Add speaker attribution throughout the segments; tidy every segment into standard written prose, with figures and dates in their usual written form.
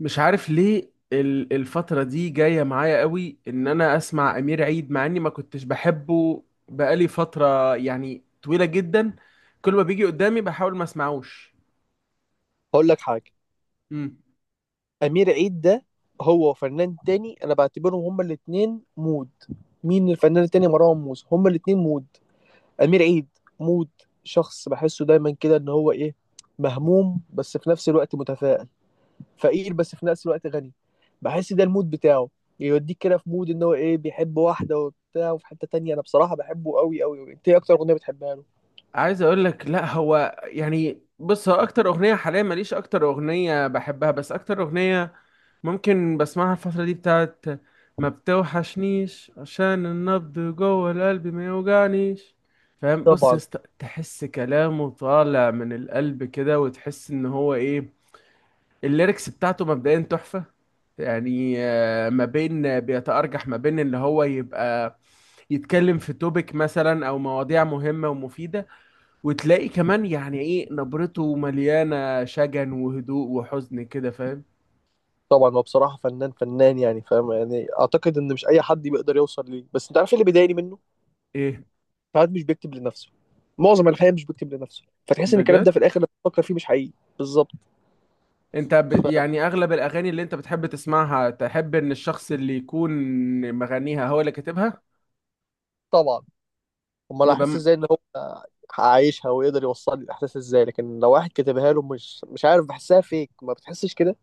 Speaker 1: مش عارف ليه الفترة دي جاية معايا قوي ان انا اسمع امير عيد، مع اني ما كنتش بحبه. بقالي فترة يعني طويلة جدا. كل ما بيجي قدامي بحاول ما اسمعوش.
Speaker 2: هقول لك حاجة.
Speaker 1: امم
Speaker 2: أمير عيد ده، هو وفنان تاني أنا بعتبرهم هما الاتنين مود. مين الفنان التاني؟ مروان موسى. هما الاتنين مود. أمير عيد مود. شخص بحسه دايما كده إن هو إيه، مهموم بس في نفس الوقت متفائل، فقير بس في نفس الوقت غني. بحس ده المود بتاعه. يوديك كده في مود إن هو إيه، بيحب واحدة وبتاع، وفي حتة تانية. أنا بصراحة بحبه قوي قوي. أنت إيه أكتر أغنية بتحبها له؟
Speaker 1: عايز اقول لك، لا هو يعني، بص، هو اكتر اغنية حاليا ماليش اكتر اغنية بحبها، بس اكتر اغنية ممكن بسمعها الفترة دي بتاعت ما بتوحشنيش، عشان النبض جوه القلب ما يوجعنيش. فاهم؟ بص يا
Speaker 2: طبعا.
Speaker 1: اسطى، تحس كلامه طالع من القلب كده، وتحس ان هو ايه. الليركس بتاعته مبدئيا تحفة. يعني ما بين، بيتأرجح ما بين اللي هو يبقى يتكلم في توبيك مثلا او مواضيع مهمة ومفيدة، وتلاقي كمان يعني ايه نبرته مليانة شجن وهدوء وحزن كده، فاهم؟
Speaker 2: طبعا، هو بصراحة فنان فنان، يعني فاهم، يعني أعتقد إن مش أي حد بيقدر يوصل ليه. بس أنت عارف إيه اللي بيضايقني منه؟
Speaker 1: ايه.
Speaker 2: ساعات مش بيكتب لنفسه. معظم الحقيقه مش بيكتب لنفسه، فتحس ان الكلام
Speaker 1: بجد.
Speaker 2: ده في الاخر لما تفكر فيه مش حقيقي. بالظبط.
Speaker 1: انت
Speaker 2: ف-
Speaker 1: يعني اغلب الاغاني اللي انت بتحب تسمعها تحب ان الشخص اللي يكون مغنيها هو اللي كاتبها.
Speaker 2: طبعا. امال
Speaker 1: يبقى
Speaker 2: هحس
Speaker 1: م-
Speaker 2: ازاي ان هو عايشها ويقدر يوصل لي الاحساس ازاي؟ لكن لو واحد كتبها له، مش عارف، بحسها فيك، ما بتحسش كده.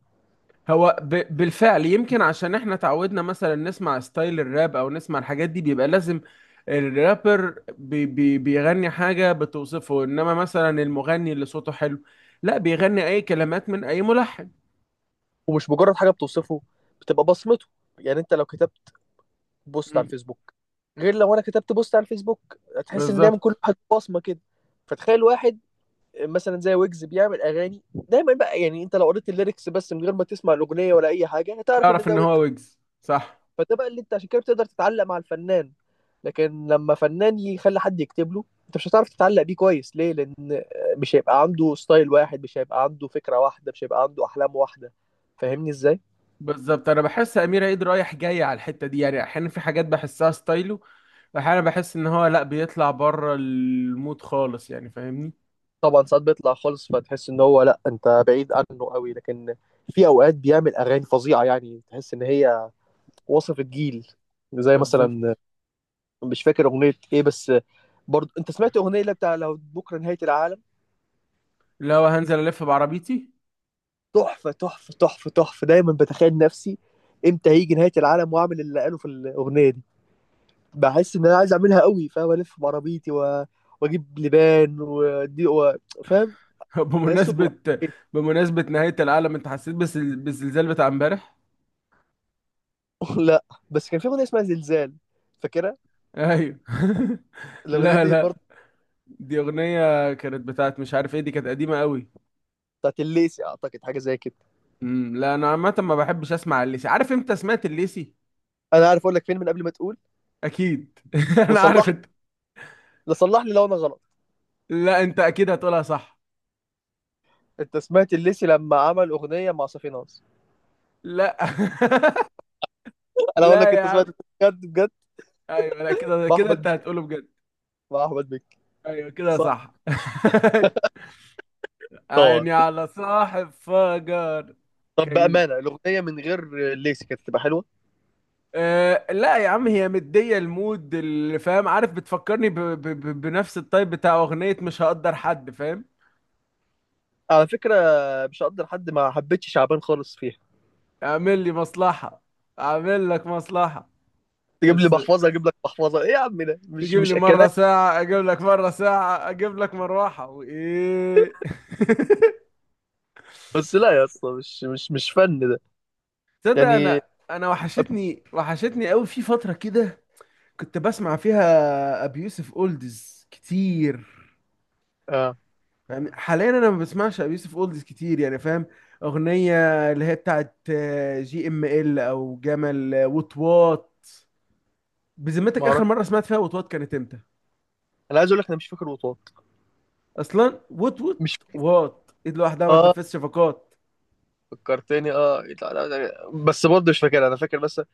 Speaker 1: هو ب... بالفعل، يمكن عشان احنا تعودنا مثلا نسمع ستايل الراب او نسمع الحاجات دي، بيبقى لازم الرابر بيغني حاجة بتوصفه، انما مثلا المغني اللي صوته حلو لا، بيغني اي كلمات من اي ملحن.
Speaker 2: ومش مجرد حاجه بتوصفه، بتبقى بصمته. يعني انت لو كتبت بوست على
Speaker 1: مم.
Speaker 2: الفيسبوك، غير لو انا كتبت بوست على الفيسبوك، هتحس ان دايما كل
Speaker 1: بالظبط.
Speaker 2: واحد بصمه كده. فتخيل واحد مثلا زي ويجز بيعمل اغاني دايما، بقى يعني انت لو قريت الليركس بس من غير ما تسمع الاغنيه ولا اي حاجه، هتعرف ان
Speaker 1: تعرف
Speaker 2: ده
Speaker 1: ان
Speaker 2: ويجز.
Speaker 1: هو ويجز، صح.
Speaker 2: فده بقى اللي انت عشان كده بتقدر تتعلق مع الفنان. لكن لما فنان يخلي حد يكتب له، انت مش هتعرف تتعلق بيه كويس. ليه؟ لان مش هيبقى عنده ستايل واحد، مش هيبقى عنده فكرة واحدة، مش هيبقى عنده احلام واحدة. فاهمني ازاي؟
Speaker 1: بالظبط. انا بحس امير عيد رايح جاي على الحتة دي، يعني احيانا في حاجات بحسها ستايله، احيانا بحس ان هو لا بيطلع بره المود خالص، يعني فاهمني.
Speaker 2: طبعا، ساعات بيطلع خالص فتحس ان هو لا، انت بعيد عنه قوي. لكن في اوقات بيعمل اغاني فظيعة، يعني تحس ان هي وصف الجيل. زي مثلا،
Speaker 1: بالظبط.
Speaker 2: مش فاكر اغنية ايه، بس برضه انت سمعت اغنية اللي بتاع لو بكرة نهاية العالم؟
Speaker 1: اللي هو هنزل الف بعربيتي.
Speaker 2: تحفه تحفه تحفه تحفه. دايما بتخيل نفسي امتى هيجي نهايه العالم واعمل اللي قاله في الاغنيه دي. بحس ان انا عايز اعملها قوي، فاهم؟ الف بعربيتي واجيب لبان ودي فاهم، بحسه.
Speaker 1: بمناسبة،
Speaker 2: إيه.
Speaker 1: بمناسبة نهاية العالم، انت حسيت بالزلزال بتاع امبارح؟
Speaker 2: لا، بس كان في اغنيه اسمها زلزال، فاكرها؟
Speaker 1: ايوه.
Speaker 2: الاغنيه
Speaker 1: لا،
Speaker 2: دي
Speaker 1: لا،
Speaker 2: برضه
Speaker 1: دي اغنية كانت بتاعت، مش عارف ايه، دي كانت قديمة قوي.
Speaker 2: بتاعت الليسي اعتقد، حاجه زي كده.
Speaker 1: لا، انا عامة ما بحبش اسمع الليسي. عارف امتى سمعت الليسي؟
Speaker 2: انا عارف اقول لك فين من قبل ما تقول،
Speaker 1: اكيد. انا عارف.
Speaker 2: وصلح
Speaker 1: انت
Speaker 2: لي، صلح لي لو انا غلط.
Speaker 1: لا، انت اكيد هتقولها صح.
Speaker 2: انت سمعت الليسي لما عمل اغنيه مع صافي ناصر؟
Speaker 1: لا.
Speaker 2: انا اقول
Speaker 1: لا
Speaker 2: لك
Speaker 1: يا
Speaker 2: انت سمعت.
Speaker 1: عم.
Speaker 2: بجد بجد.
Speaker 1: ايوه، لا كده
Speaker 2: مع
Speaker 1: كده
Speaker 2: احمد
Speaker 1: انت
Speaker 2: مكي-
Speaker 1: هتقوله، بجد.
Speaker 2: مع احمد مكي.
Speaker 1: ايوه كده
Speaker 2: صح.
Speaker 1: صح.
Speaker 2: طبعا.
Speaker 1: عيني على صاحب فجر.
Speaker 2: طب
Speaker 1: كان.
Speaker 2: بأمانة، الأغنية من غير ليسي كانت هتبقى حلوة.
Speaker 1: أه لا يا عم، هي مدية المود اللي فاهم. عارف بتفكرني بنفس الطيب بتاع أغنية مش هقدر حد، فاهم؟
Speaker 2: على فكرة مش هقدر حد، ما حبيتش شعبان خالص فيها.
Speaker 1: اعمل لي مصلحة اعمل لك مصلحة.
Speaker 2: تجيب لي
Speaker 1: بس
Speaker 2: محفظة أجيب لك محفظة، إيه يا عم؟ ده مش
Speaker 1: تجيب
Speaker 2: مش
Speaker 1: لي مرة
Speaker 2: أكلات.
Speaker 1: ساعة اجيب لك مرة ساعة اجيب لك مروحة وايه.
Speaker 2: بس لا يا اسطى، مش فن ده.
Speaker 1: تصدق
Speaker 2: يعني
Speaker 1: انا، وحشتني، وحشتني قوي في فترة كده. كنت بسمع فيها ابي يوسف اولدز كتير.
Speaker 2: آه.
Speaker 1: يعني حاليا انا ما بسمعش ابي يوسف اولدز كتير، يعني فاهم. اغنيه، اللي هي بتاعت جي ام ال او جمل، وات وات.
Speaker 2: ما
Speaker 1: بذمتك، اخر
Speaker 2: أعرف.
Speaker 1: مره سمعت فيها وات وات كانت امتى؟
Speaker 2: أنا عايز أقول لك أنا مش فاكر وطاط.
Speaker 1: اصلا وات وات،
Speaker 2: مش فاكر.
Speaker 1: وات ايد لوحدها ما
Speaker 2: آه،
Speaker 1: تنفذش شفقات.
Speaker 2: فكرتني. آه، إيه بس برضه مش فاكر. أنا فاكر بس وات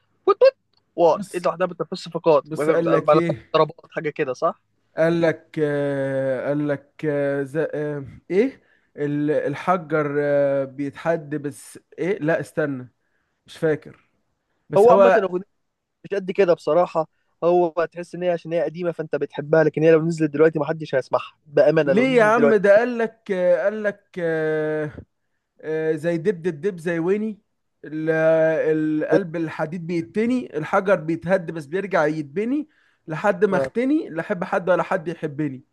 Speaker 2: وات. وات إيه
Speaker 1: بص،
Speaker 2: لوحدها بتنفس صفقات، ما
Speaker 1: بص، قال
Speaker 2: ما- ما
Speaker 1: لك
Speaker 2: لفتش
Speaker 1: ايه.
Speaker 2: ضربات، حاجة كده صح؟
Speaker 1: قال لك قال لك ايه، الحجر بيتحد، بس ايه، لا استنى. مش فاكر. بس
Speaker 2: هو عامة
Speaker 1: هو،
Speaker 2: أغنية مش قد كده بصراحة. هو تحس ان هي عشان هي قديمة فانت بتحبها، لكن هي لو نزلت دلوقتي محدش هيسمعها بأمانة لو
Speaker 1: ليه يا
Speaker 2: نزلت
Speaker 1: عم؟
Speaker 2: دلوقتي.
Speaker 1: ده قال لك زي دب دب دب زي ويني، ال- القلب الحديد بيتني، الحجر بيتهد بس بيرجع يتبني، لحد ما
Speaker 2: آه.
Speaker 1: اختني، لا احب حد ولا حد يحبني.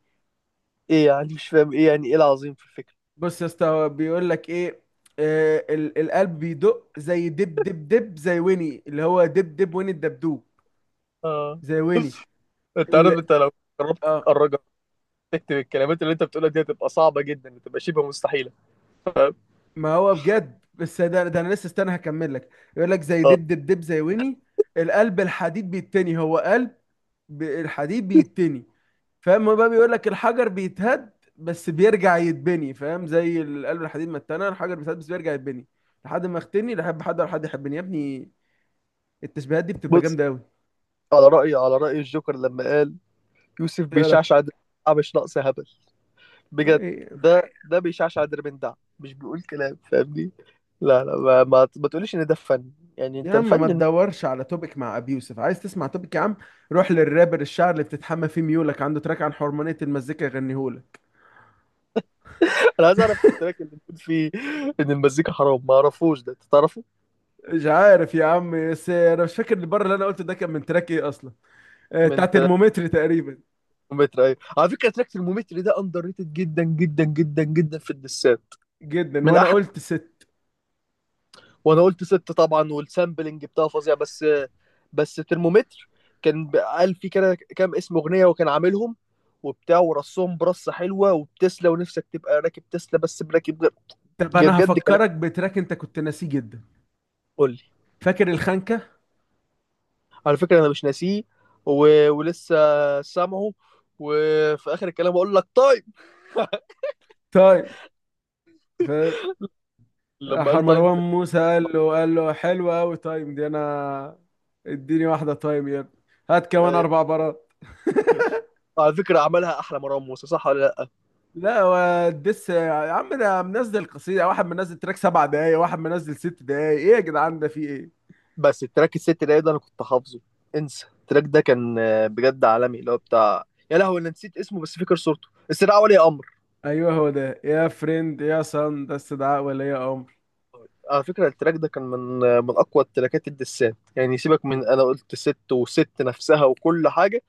Speaker 2: ايه يعني؟ مش فاهم ايه يعني، ايه العظيم في الفكرة؟
Speaker 1: بص يا اسطى، هو بيقول لك ايه. القلب بيدق زي دب دب دب زي ويني، اللي هو دب دب ويني الدبدوب،
Speaker 2: اه.
Speaker 1: زي ويني.
Speaker 2: انت عارف،
Speaker 1: ال...
Speaker 2: انت لو جربت
Speaker 1: اه
Speaker 2: تتأرجها، تكتب الكلمات اللي انت بتقولها دي، هتبقى صعبة جدا، بتبقى شبه مستحيلة. فاهم؟
Speaker 1: ما هو بجد، بس ده انا لسه استنى، هكمل لك. يقول لك زي
Speaker 2: آه.
Speaker 1: دب دب دب زي ويني، القلب الحديد بيتني، هو قلب الحديد بيتني، فاهم؟ هو بقى بيقول لك الحجر بيتهد بس بيرجع يتبني، فاهم؟ زي القلب الحديد ما اتنى، الحجر بيتهد بس بيرجع يتبني، لحد ما اختني لا احب حد ولا حد يحبني، يا ابني التشبيهات دي بتبقى
Speaker 2: بص،
Speaker 1: جامده قوي.
Speaker 2: على رأيي، على رأي الجوكر لما قال، يوسف
Speaker 1: تقرا؟
Speaker 2: بيشعشع دربندع مش ناقص هبل. بجد،
Speaker 1: إيه؟
Speaker 2: ده ده بيشعشع دربندع، مش بيقول كلام. فاهمني؟ لا لا، ما تقوليش ان ده فن. يعني
Speaker 1: يا
Speaker 2: انت
Speaker 1: عم، ما
Speaker 2: الفن.
Speaker 1: تدورش على توبيك مع ابي يوسف. عايز تسمع توبيك يا عم؟ روح للرابر الشعر اللي بتتحمى فيه ميولك، عنده تراك عن حرمانية المزيكا يغنيهولك.
Speaker 2: انا عايز اعرف التراك اللي بتقول فيه ان المزيكا حرام، ما اعرفوش، ده انت تعرفه.
Speaker 1: مش عارف يا عم، بس انا مش فاكر البر اللي انا قلته ده كان من تراك ايه اصلا.
Speaker 2: من
Speaker 1: بتاع ترمومتر تقريبا.
Speaker 2: ترمومتر. ايوه، على فكره تراك ترمومتر ده اندر ريتد جدا جدا جدا جدا في الدسات.
Speaker 1: جدا.
Speaker 2: من
Speaker 1: وانا
Speaker 2: احلى.
Speaker 1: قلت 6.
Speaker 2: وانا قلت ست طبعا، والسامبلنج بتاعه فظيع، بس. بس ترمومتر كان قال فيه كده كام اسم اغنيه، وكان عاملهم وبتاع، ورصهم برصه حلوه. وبتسلا، ونفسك تبقى راكب تسلا بس براكب غير.
Speaker 1: طب
Speaker 2: جاي
Speaker 1: انا
Speaker 2: بجد كلام.
Speaker 1: هفكرك بتراك انت كنت ناسيه جدا.
Speaker 2: قول لي.
Speaker 1: فاكر الخنكه؟
Speaker 2: على فكره انا مش ناسيه ولسه سامعه. وفي اخر الكلام اقول لك طيب
Speaker 1: طيب. ف
Speaker 2: لما
Speaker 1: راح
Speaker 2: قال تايم
Speaker 1: مروان
Speaker 2: في.
Speaker 1: موسى قال له حلوه قوي تايم دي، انا اديني واحده تايم يا ابني، هات كمان
Speaker 2: أيوة.
Speaker 1: 4 برات.
Speaker 2: على فكرة عملها أحلى مروان موسى، صح ولا لأ؟
Speaker 1: لا والدس يا عم، انا منزل قصيده واحد، منزل تراك 7 دقايق، واحد منزل 6 دقايق. ايه يا جدعان، ده في ايه؟
Speaker 2: بس التراك الست ده، ده أنا كنت حافظه. انسى، التراك ده كان بجد عالمي، اللي هو بتاع، يا لهوي أنا نسيت اسمه، بس فاكر صورته، استدعاء ولي أمر.
Speaker 1: ايوه هو ده، يا فريند يا صن ده استدعاء ولي امر.
Speaker 2: على فكرة التراك ده كان من من أقوى التراكات الدسات، يعني سيبك من أنا قلت ست وست نفسها وكل حاجة.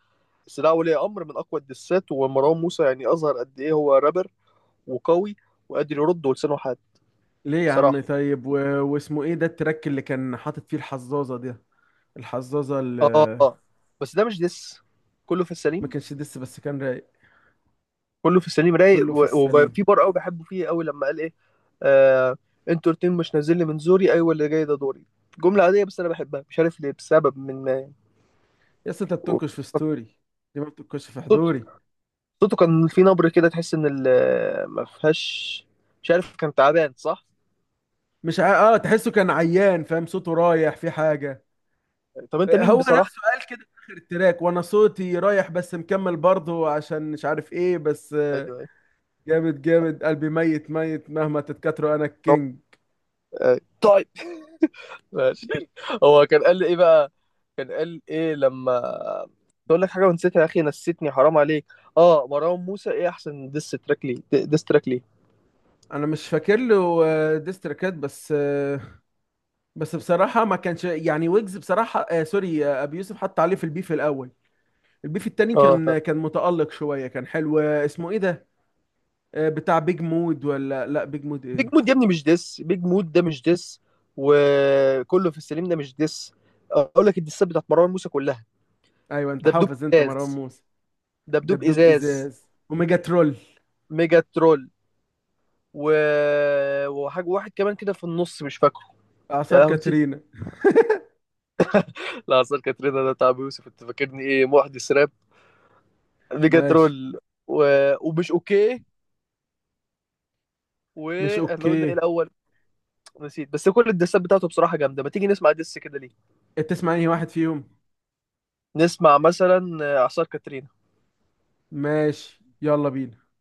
Speaker 2: استدعاء ولي أمر من أقوى الدسات، ومروان موسى يعني أظهر قد إيه هو رابر، وقوي، وقادر يرد ولسانه حاد.
Speaker 1: ليه يا عم؟
Speaker 2: بصراحة.
Speaker 1: طيب و... واسمه ايه ده التراك اللي كان حاطط فيه الحظاظه دي، الحظاظه اللي.
Speaker 2: آه آه. آه. بس ده مش دس، كله في
Speaker 1: ما
Speaker 2: السليم.
Speaker 1: كانش دس بس كان رايق.
Speaker 2: كله في السليم رايق،
Speaker 1: كله في
Speaker 2: وفي
Speaker 1: السليم.
Speaker 2: بار قوي بحبه فيه قوي لما قال ايه. آه. انتوا الاتنين مش نازل لي من زوري، ايوه اللي جاي ده دوري. جملة عادية بس انا بحبها، مش عارف ليه، بسبب من
Speaker 1: يا اسطى انت
Speaker 2: و-
Speaker 1: بتنكش في ستوري، ليه ما بتنكش في حضوري.
Speaker 2: صوته. كان في نبرة كده تحس ان ما فيهاش، مش عارف، كان تعبان، صح؟
Speaker 1: مش ع... اه، تحسه كان عيان، فاهم؟ صوته رايح في حاجه.
Speaker 2: طب انت مين
Speaker 1: هو
Speaker 2: بصراحة؟
Speaker 1: نفسه قال كده في اخر التراك، وانا صوتي رايح بس مكمل برضه عشان مش عارف ايه بس
Speaker 2: ايوه ايوه.
Speaker 1: جامد جامد، قلبي ميت ميت، مهما تتكاتروا انا
Speaker 2: رب-
Speaker 1: الكينج.
Speaker 2: أيوة. طيب. ماشي. هو كان قال لي ايه بقى؟ كان قال ايه لما تقول لك حاجة ونسيتها؟ يا اخي نسيتني، حرام عليك. اه، مروان موسى، ايه احسن ديس تراك ليه، ديس تراك ليه.
Speaker 1: انا مش فاكر له ديستريكات، بس بس بصراحه، ما كانش يعني، ويجز بصراحه، آه سوري، ابي يوسف حط عليه في البيف الاول. البيف التاني
Speaker 2: اه،
Speaker 1: كان متالق شويه، كان حلو. اسمه ايه ده؟ بتاع بيج مود، ولا لا بيج مود
Speaker 2: بيج
Speaker 1: ايه.
Speaker 2: مود يا ابني مش ديس. بيج مود ده مش ديس، وكله في السليم ده مش ديس. اقول لك الديسات بتاعت مروان موسى كلها.
Speaker 1: ايوه، انت
Speaker 2: دبدوب،
Speaker 1: حافظ انت مروان
Speaker 2: ازاز.
Speaker 1: موسى.
Speaker 2: دبدوب،
Speaker 1: دبدوب،
Speaker 2: ازاز،
Speaker 1: ازاز، وميجا ترول.
Speaker 2: ميجا ترول و... وحاجه واحد كمان كده في النص مش فاكره. يا
Speaker 1: اعصار
Speaker 2: لهوي نسيت.
Speaker 1: كاترينا.
Speaker 2: لا، اصل كاترينا ده بتاع أبو يوسف، انت فاكرني ايه، محدث راب؟ ميجا
Speaker 1: ماشي.
Speaker 2: ترول، و... ومش اوكي.
Speaker 1: مش
Speaker 2: واحنا قلنا ايه
Speaker 1: اوكي.
Speaker 2: الاول؟ نسيت. بس كل الدسات بتاعته بصراحه جامده. ما تيجي نسمع دس كده؟ ليه،
Speaker 1: تسمع اي واحد فيهم.
Speaker 2: نسمع مثلا اعصار كاترينا.
Speaker 1: ماشي، يلا بينا.